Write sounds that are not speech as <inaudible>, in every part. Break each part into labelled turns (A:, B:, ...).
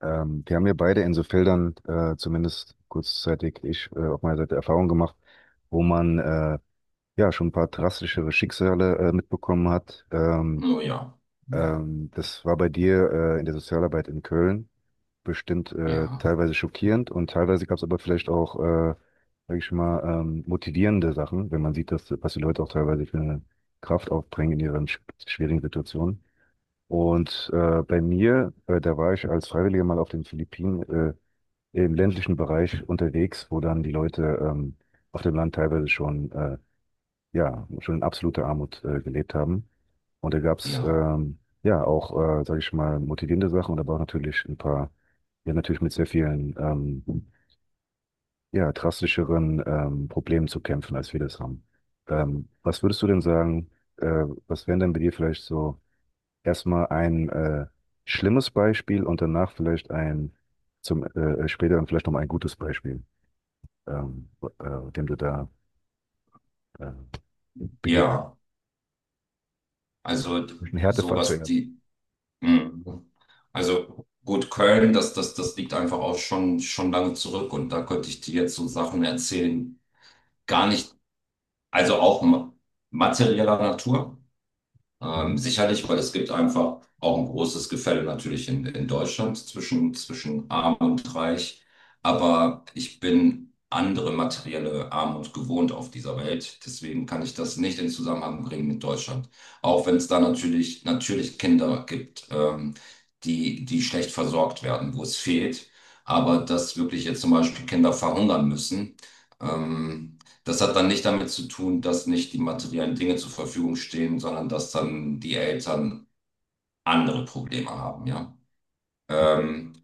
A: Wir haben ja beide in so Feldern, zumindest kurzzeitig ich, auf meiner Seite Erfahrung gemacht, wo man ja schon ein paar drastischere Schicksale mitbekommen hat.
B: Oh ja. Hm.
A: Das war bei dir in der Sozialarbeit in Köln bestimmt
B: Ja,
A: teilweise schockierend, und teilweise gab es aber vielleicht auch, sag ich mal, motivierende Sachen, wenn man sieht, dass, was die Leute auch teilweise für eine Kraft aufbringen in ihren schwierigen Situationen. Und bei mir, da war ich als Freiwilliger mal auf den Philippinen, im ländlichen Bereich unterwegs, wo dann die Leute auf dem Land teilweise schon, ja, schon in absoluter Armut gelebt haben. Und da gab's
B: ja,
A: ja auch, sage ich mal, motivierende Sachen und aber auch natürlich ein paar, ja, natürlich mit sehr vielen, ja, drastischeren Problemen zu kämpfen, als wir das haben. Was würdest du denn sagen, was wären denn bei dir vielleicht so erstmal ein schlimmes Beispiel und danach vielleicht ein, zum später dann vielleicht noch mal ein gutes Beispiel? ähm, dem du da äh, begegnet.
B: ja. Also,
A: Ein Härtefall
B: sowas,
A: zuerst.
B: die, hm. Also gut, Köln, das liegt einfach auch schon lange zurück, und da könnte ich dir jetzt so Sachen erzählen. Gar nicht, also auch materieller Natur.
A: Mhm.
B: Sicherlich, weil es gibt einfach auch ein großes Gefälle natürlich in Deutschland zwischen arm und reich. Aber ich bin andere materielle Armut gewohnt auf dieser Welt. Deswegen kann ich das nicht in Zusammenhang bringen mit Deutschland. Auch wenn es da natürlich Kinder gibt, die schlecht versorgt werden, wo es fehlt. Aber dass wirklich jetzt zum Beispiel Kinder verhungern müssen, ähm, das hat dann nicht damit zu tun, dass nicht die materiellen Dinge zur Verfügung stehen, sondern dass dann die Eltern andere Probleme haben, ja. Ähm,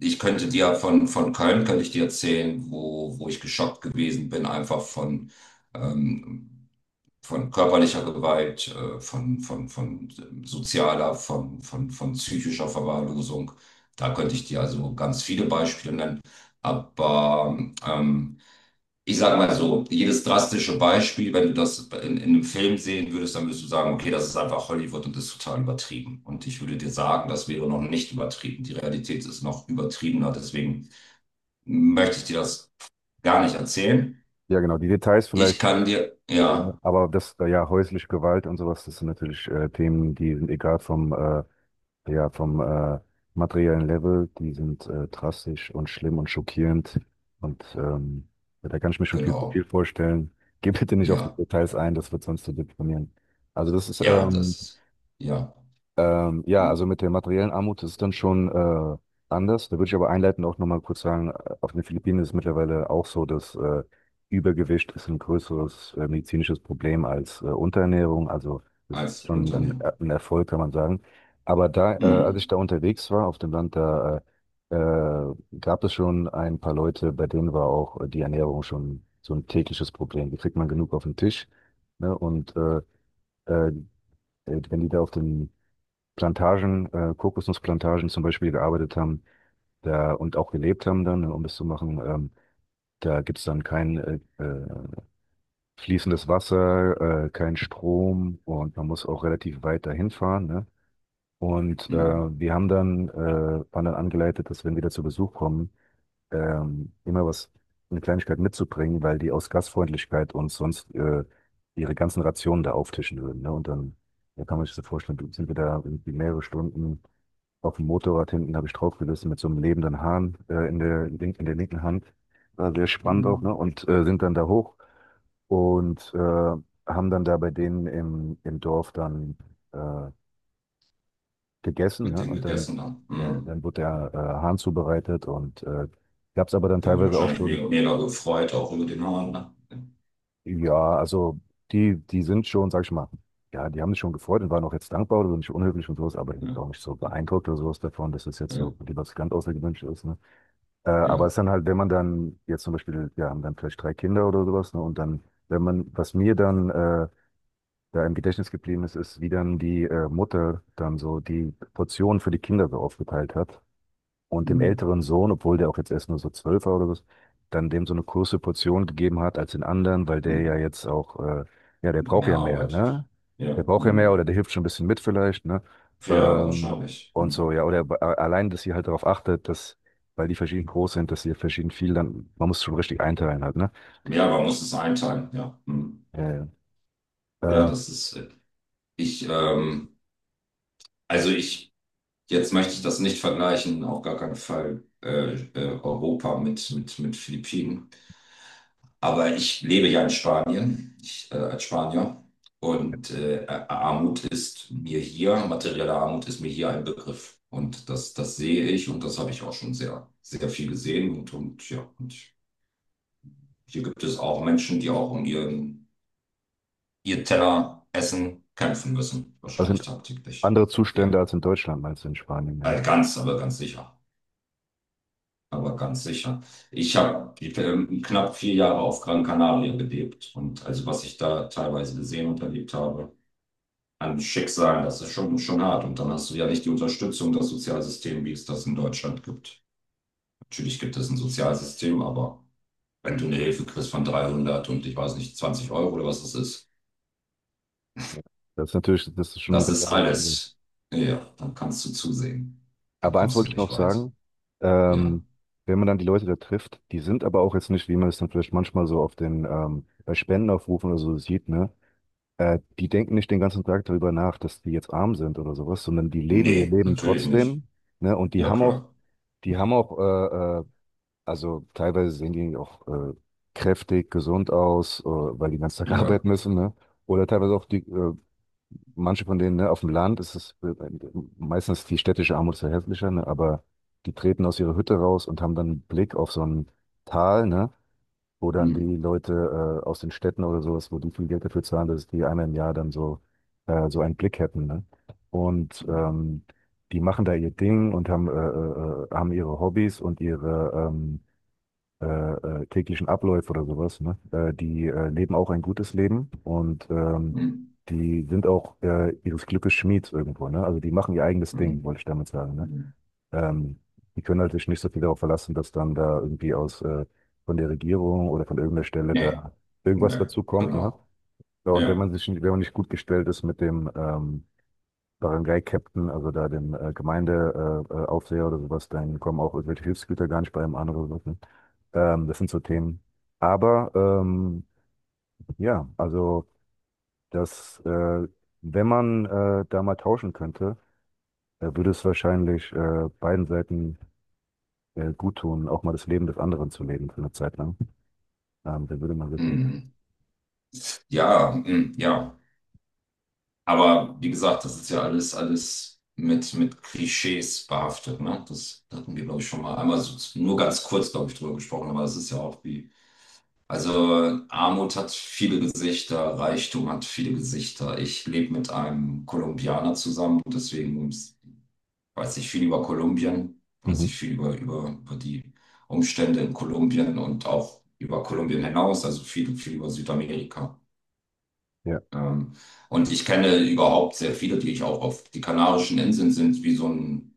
B: Ich könnte dir von Köln, könnte ich dir erzählen, wo ich geschockt gewesen bin, einfach ähm, von körperlicher Gewalt, von sozialer, von psychischer Verwahrlosung. Da könnte ich dir also ganz viele Beispiele nennen. Aber ähm, ich sag mal so, jedes drastische Beispiel, wenn du das in einem Film sehen würdest, dann würdest du sagen, okay, das ist einfach Hollywood und das ist total übertrieben. Und ich würde dir sagen, das wäre noch nicht übertrieben. Die Realität ist noch übertriebener, deswegen möchte ich dir das gar nicht erzählen.
A: Ja, genau, die Details
B: Ich
A: vielleicht,
B: kann dir,
A: äh,
B: ja,
A: aber das, ja, häusliche Gewalt und sowas, das sind natürlich Themen, die sind egal vom, ja, vom materiellen Level, die sind drastisch und schlimm und schockierend und ja, da kann ich mir schon viel zu viel
B: genau,
A: vorstellen. Geh bitte nicht auf die
B: ja,
A: Details ein, das wird sonst zu deprimieren. Also das ist
B: ja, das, ja,
A: Ja, also
B: mm,
A: mit der materiellen Armut ist es dann schon anders. Da würde ich aber einleitend auch nochmal kurz sagen, auf den Philippinen ist es mittlerweile auch so, dass Übergewicht ist ein größeres medizinisches Problem als Unterernährung. Also das ist
B: als
A: schon
B: Unternehmen.
A: ein Erfolg, kann man sagen. Aber da, als ich
B: Mm.
A: da unterwegs war auf dem Land, da äh, äh, gab es schon ein paar Leute, bei denen war auch die Ernährung schon so ein tägliches Problem. Die kriegt man genug auf den Tisch, ne? Und äh, wenn die da auf den Plantagen, Kokosnussplantagen zum Beispiel gearbeitet haben da, und auch gelebt haben dann, ne, um das zu machen. Da gibt's dann kein fließendes Wasser, kein Strom, und man muss auch relativ weit dahin fahren. Ne? Und
B: Mm.
A: wir haben dann, waren dann angeleitet, dass wenn wir da zu Besuch kommen, immer was, eine Kleinigkeit mitzubringen, weil die aus Gastfreundlichkeit uns sonst ihre ganzen Rationen da auftischen würden. Ne? Und dann, da kann man sich so vorstellen, sind wir da irgendwie mehrere Stunden auf dem Motorrad hinten habe ich draufgerissen mit so einem lebenden Hahn, in der linken Hand. War sehr spannend auch, ne?
B: Mm.
A: Und, sind dann da hoch und, haben dann da bei denen im Dorf dann, äh, gegessen,
B: Mit
A: ne?
B: dem
A: Und dann
B: gegessen dann.
A: ja,
B: Mm.
A: dann wurde der, Hahn zubereitet und, gab es aber dann
B: Der hat sich
A: teilweise auch
B: wahrscheinlich
A: schon
B: mega, mega gefreut, auch über den Hahn. Ne?
A: ja, also die sind schon, sag ich mal ja, die haben sich schon gefreut und waren auch jetzt dankbar oder nicht unhöflich und so was, aber ich bin
B: Ja,
A: auch nicht so beeindruckt oder so was davon, dass das jetzt
B: ja, ja.
A: so die was ganz Außergewöhnliches ist, ne? Aber es
B: Ja.
A: ist dann halt, wenn man dann jetzt zum Beispiel, wir haben dann vielleicht drei Kinder oder sowas, ne, und dann, wenn man, was mir dann da im Gedächtnis geblieben ist, ist, wie dann die Mutter dann so die Portionen für die Kinder so aufgeteilt hat und dem
B: Hm,
A: älteren Sohn, obwohl der auch jetzt erst nur so zwölf war oder was, dann dem so eine große Portion gegeben hat als den anderen, weil der
B: hm.
A: ja jetzt auch, ja, der braucht
B: Mehr
A: ja mehr,
B: arbeitet.
A: ne? Der
B: Ja,
A: braucht ja mehr,
B: hm.
A: oder der hilft schon ein bisschen mit vielleicht, ne?
B: Ja,
A: Ähm,
B: wahrscheinlich.
A: und so,
B: Hm.
A: ja, oder allein, dass sie halt darauf achtet, dass, weil die verschieden groß sind, dass sie verschieden viel, dann, man muss schon richtig einteilen halt, ne?
B: Ja, man muss es einteilen. Ja, hm.
A: Ja,
B: Ja,
A: ja.
B: das ist, ich, also ich, jetzt möchte ich das nicht vergleichen, auf gar keinen Fall, Europa mit Philippinen. Aber ich lebe ja in Spanien, ich, als Spanier. Und Armut ist mir hier, materielle Armut ist mir hier ein Begriff. Und das sehe ich, und das habe ich auch schon sehr, sehr viel gesehen. Und ja, und hier gibt es auch Menschen, die auch um ihren, ihr Teller Essen kämpfen müssen,
A: Das
B: wahrscheinlich
A: sind
B: tagtäglich.
A: andere
B: Ja,
A: Zustände als in Deutschland, meinst du, in Spanien, ne?
B: ganz, aber ganz sicher. Aber ganz sicher. Ich habe knapp 4 Jahre auf Gran Canaria gelebt, und also was ich da teilweise gesehen und erlebt habe, ein Schicksal, das ist schon hart. Und dann hast du ja nicht die Unterstützung des Sozialsystems, wie es das in Deutschland gibt. Natürlich gibt es ein Sozialsystem, aber wenn du eine Hilfe kriegst von dreihundert und ich weiß nicht, zwanzig Euro oder was
A: Ja. Das ist natürlich, das ist schon eine
B: das
A: ganz
B: ist
A: andere.
B: alles. Ja, dann kannst du zusehen. Da
A: Aber eins
B: kommst
A: wollte
B: du
A: ich
B: nicht
A: noch
B: weit.
A: sagen,
B: Ja.
A: ähm, wenn man dann die Leute da trifft, die sind aber auch jetzt nicht, wie man es dann vielleicht manchmal so auf den, bei Spendenaufrufen oder so sieht, ne? Die denken nicht den ganzen Tag darüber nach, dass die jetzt arm sind oder sowas, sondern die leben ihr
B: Nee,
A: Leben
B: natürlich nicht.
A: trotzdem, ne? Und
B: Ja, klar.
A: die haben auch, also teilweise sehen die auch kräftig, gesund aus, weil die den ganzen Tag <laughs>
B: Ja.
A: arbeiten müssen, ne? Oder teilweise auch die manche von denen, ne, auf dem Land ist es meistens, die städtische Armut ist ja hässlicher, ne, aber die treten aus ihrer Hütte raus und haben dann einen Blick auf so ein Tal, ne, wo dann
B: Hm,
A: die Leute aus den Städten oder sowas, wo die viel Geld dafür zahlen, dass die einmal im Jahr dann so, so einen Blick hätten, ne? Und die machen da ihr Ding und haben, haben ihre Hobbys und ihre, äh, täglichen Abläufe oder sowas, ne? Die leben auch ein gutes Leben und
B: hm,
A: die sind auch ihres Glückes Schmieds irgendwo, ne? Also die machen ihr eigenes
B: hm,
A: Ding, wollte ich damit sagen, ne?
B: hm.
A: Ähm, die können halt sich nicht so viel darauf verlassen, dass dann da irgendwie aus von der Regierung oder von irgendeiner Stelle
B: Nee,
A: da
B: nee,
A: irgendwas
B: ne,
A: dazu kommt, ne?
B: genau.
A: Ja, und wenn
B: Ja.
A: man sich, wenn man nicht gut gestellt ist mit dem Barangay-Captain, also da dem Gemeindeaufseher Aufseher oder sowas, dann kommen auch irgendwelche Hilfsgüter gar nicht bei einem anderen. Sachen. Das sind so Themen. Aber ja, also das, wenn man da mal tauschen könnte, würde es wahrscheinlich beiden Seiten gut tun, auch mal das Leben des anderen zu leben für eine Zeit lang. Da würde man
B: Hm.
A: wirklich.
B: Hm. Ja, hm, ja. Aber wie gesagt, das ist ja alles, alles mit Klischees behaftet, ne? Das hatten wir, glaube ich, schon mal einmal so, nur ganz kurz, glaube ich, drüber gesprochen, aber es ist ja auch wie, also Armut hat viele Gesichter, Reichtum hat viele Gesichter. Ich lebe mit einem Kolumbianer zusammen, deswegen weiß ich viel über Kolumbien, weiß
A: Mhm.
B: ich viel über die Umstände in Kolumbien und auch über Kolumbien hinaus, also viel, viel über Südamerika.
A: Ja.
B: Ähm, und ich kenne überhaupt sehr viele, die ich auch auf die Kanarischen Inseln sind, wie so ein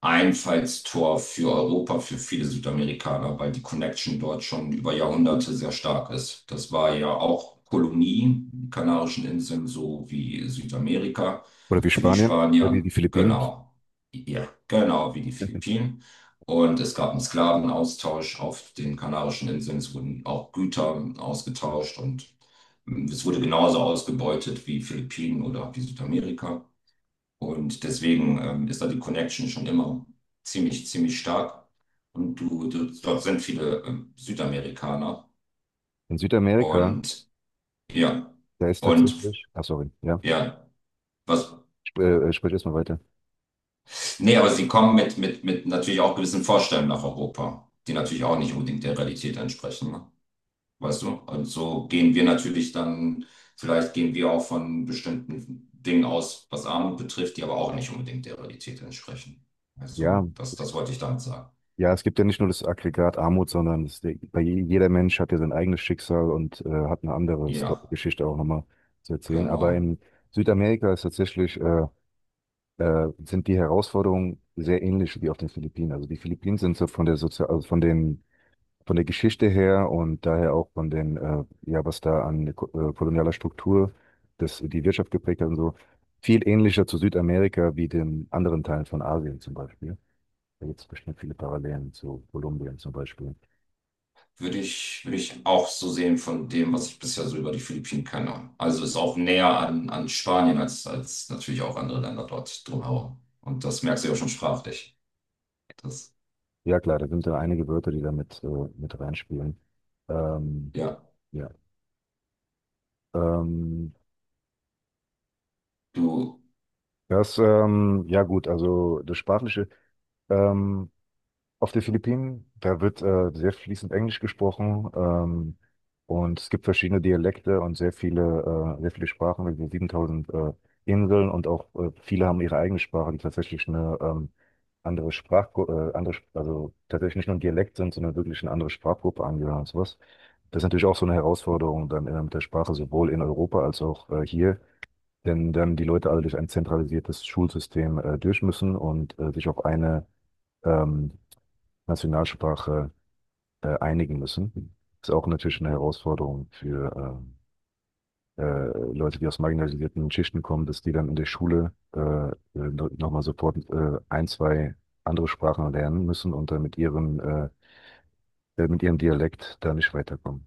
B: Einfallstor für Europa, für viele Südamerikaner, weil die Connection dort schon über Jahrhunderte sehr stark ist. Das war ja auch Kolonie, die Kanarischen Inseln, so wie Südamerika
A: Oder wie
B: für die
A: Spanien, oder wie
B: Spanier.
A: die Philippinen.
B: Genau. Ja, genau wie die
A: <laughs>
B: Philippinen. Und es gab einen Sklavenaustausch auf den Kanarischen Inseln. Es wurden auch Güter ausgetauscht, und es wurde genauso ausgebeutet wie Philippinen oder wie Südamerika. Und deswegen ist da die Connection schon immer ziemlich, ziemlich stark. Und du, dort sind viele Südamerikaner.
A: In Südamerika,
B: Und ja,
A: da ist
B: und
A: tatsächlich, ach sorry, ja,
B: ja, was,
A: sp sprich erstmal weiter.
B: nee, aber sie kommen mit natürlich auch gewissen Vorstellungen nach Europa, die natürlich auch nicht unbedingt der Realität entsprechen, ne? Weißt du? Und so gehen wir natürlich dann, vielleicht gehen wir auch von bestimmten Dingen aus, was Armut betrifft, die aber auch nicht unbedingt der Realität entsprechen.
A: Ja,
B: Also, das, das wollte ich damit sagen.
A: ja, es gibt ja nicht nur das Aggregat Armut, sondern es, bei jeder Mensch hat ja sein eigenes Schicksal, und hat eine andere Sto
B: Ja.
A: Geschichte auch nochmal zu erzählen. Aber
B: Genau.
A: in Südamerika ist tatsächlich, sind die Herausforderungen sehr ähnlich wie auf den Philippinen. Also die Philippinen sind so von der Sozial, also von den von der Geschichte her, und daher auch von den, ja, was da an kolonialer Struktur das, die Wirtschaft geprägt hat und so, viel ähnlicher zu Südamerika wie den anderen Teilen von Asien zum Beispiel. Da gibt es bestimmt viele Parallelen zu Kolumbien zum Beispiel.
B: Würde ich auch so sehen von dem, was ich bisher so über die Philippinen kenne. Also ist auch näher an Spanien als natürlich auch andere Länder dort drumherum. Und das merkst du ja schon sprachlich. Das,
A: Ja, klar, da sind da einige Wörter, die da mit reinspielen. Ähm,
B: ja,
A: ja, ähm,
B: du.
A: das, ja gut, also das Sprachliche, ähm, auf den Philippinen. Da wird sehr fließend Englisch gesprochen, und es gibt verschiedene Dialekte und sehr viele Sprachen, also 7000 Inseln, und auch viele haben ihre eigene Sprache, die tatsächlich eine andere Sprachgruppe, andere, also tatsächlich nicht nur ein Dialekt sind, sondern wirklich eine andere Sprachgruppe angehören und sowas. Das ist natürlich auch so eine Herausforderung dann mit der Sprache sowohl in Europa als auch hier, denn dann die Leute alle durch ein zentralisiertes Schulsystem durch müssen und sich auf eine ähm, Nationalsprache einigen müssen. Ist auch natürlich eine Herausforderung für Leute, die aus marginalisierten Schichten kommen, dass die dann in der Schule no, nochmal sofort ein, zwei andere Sprachen lernen müssen und dann mit ihrem Dialekt da nicht weiterkommen.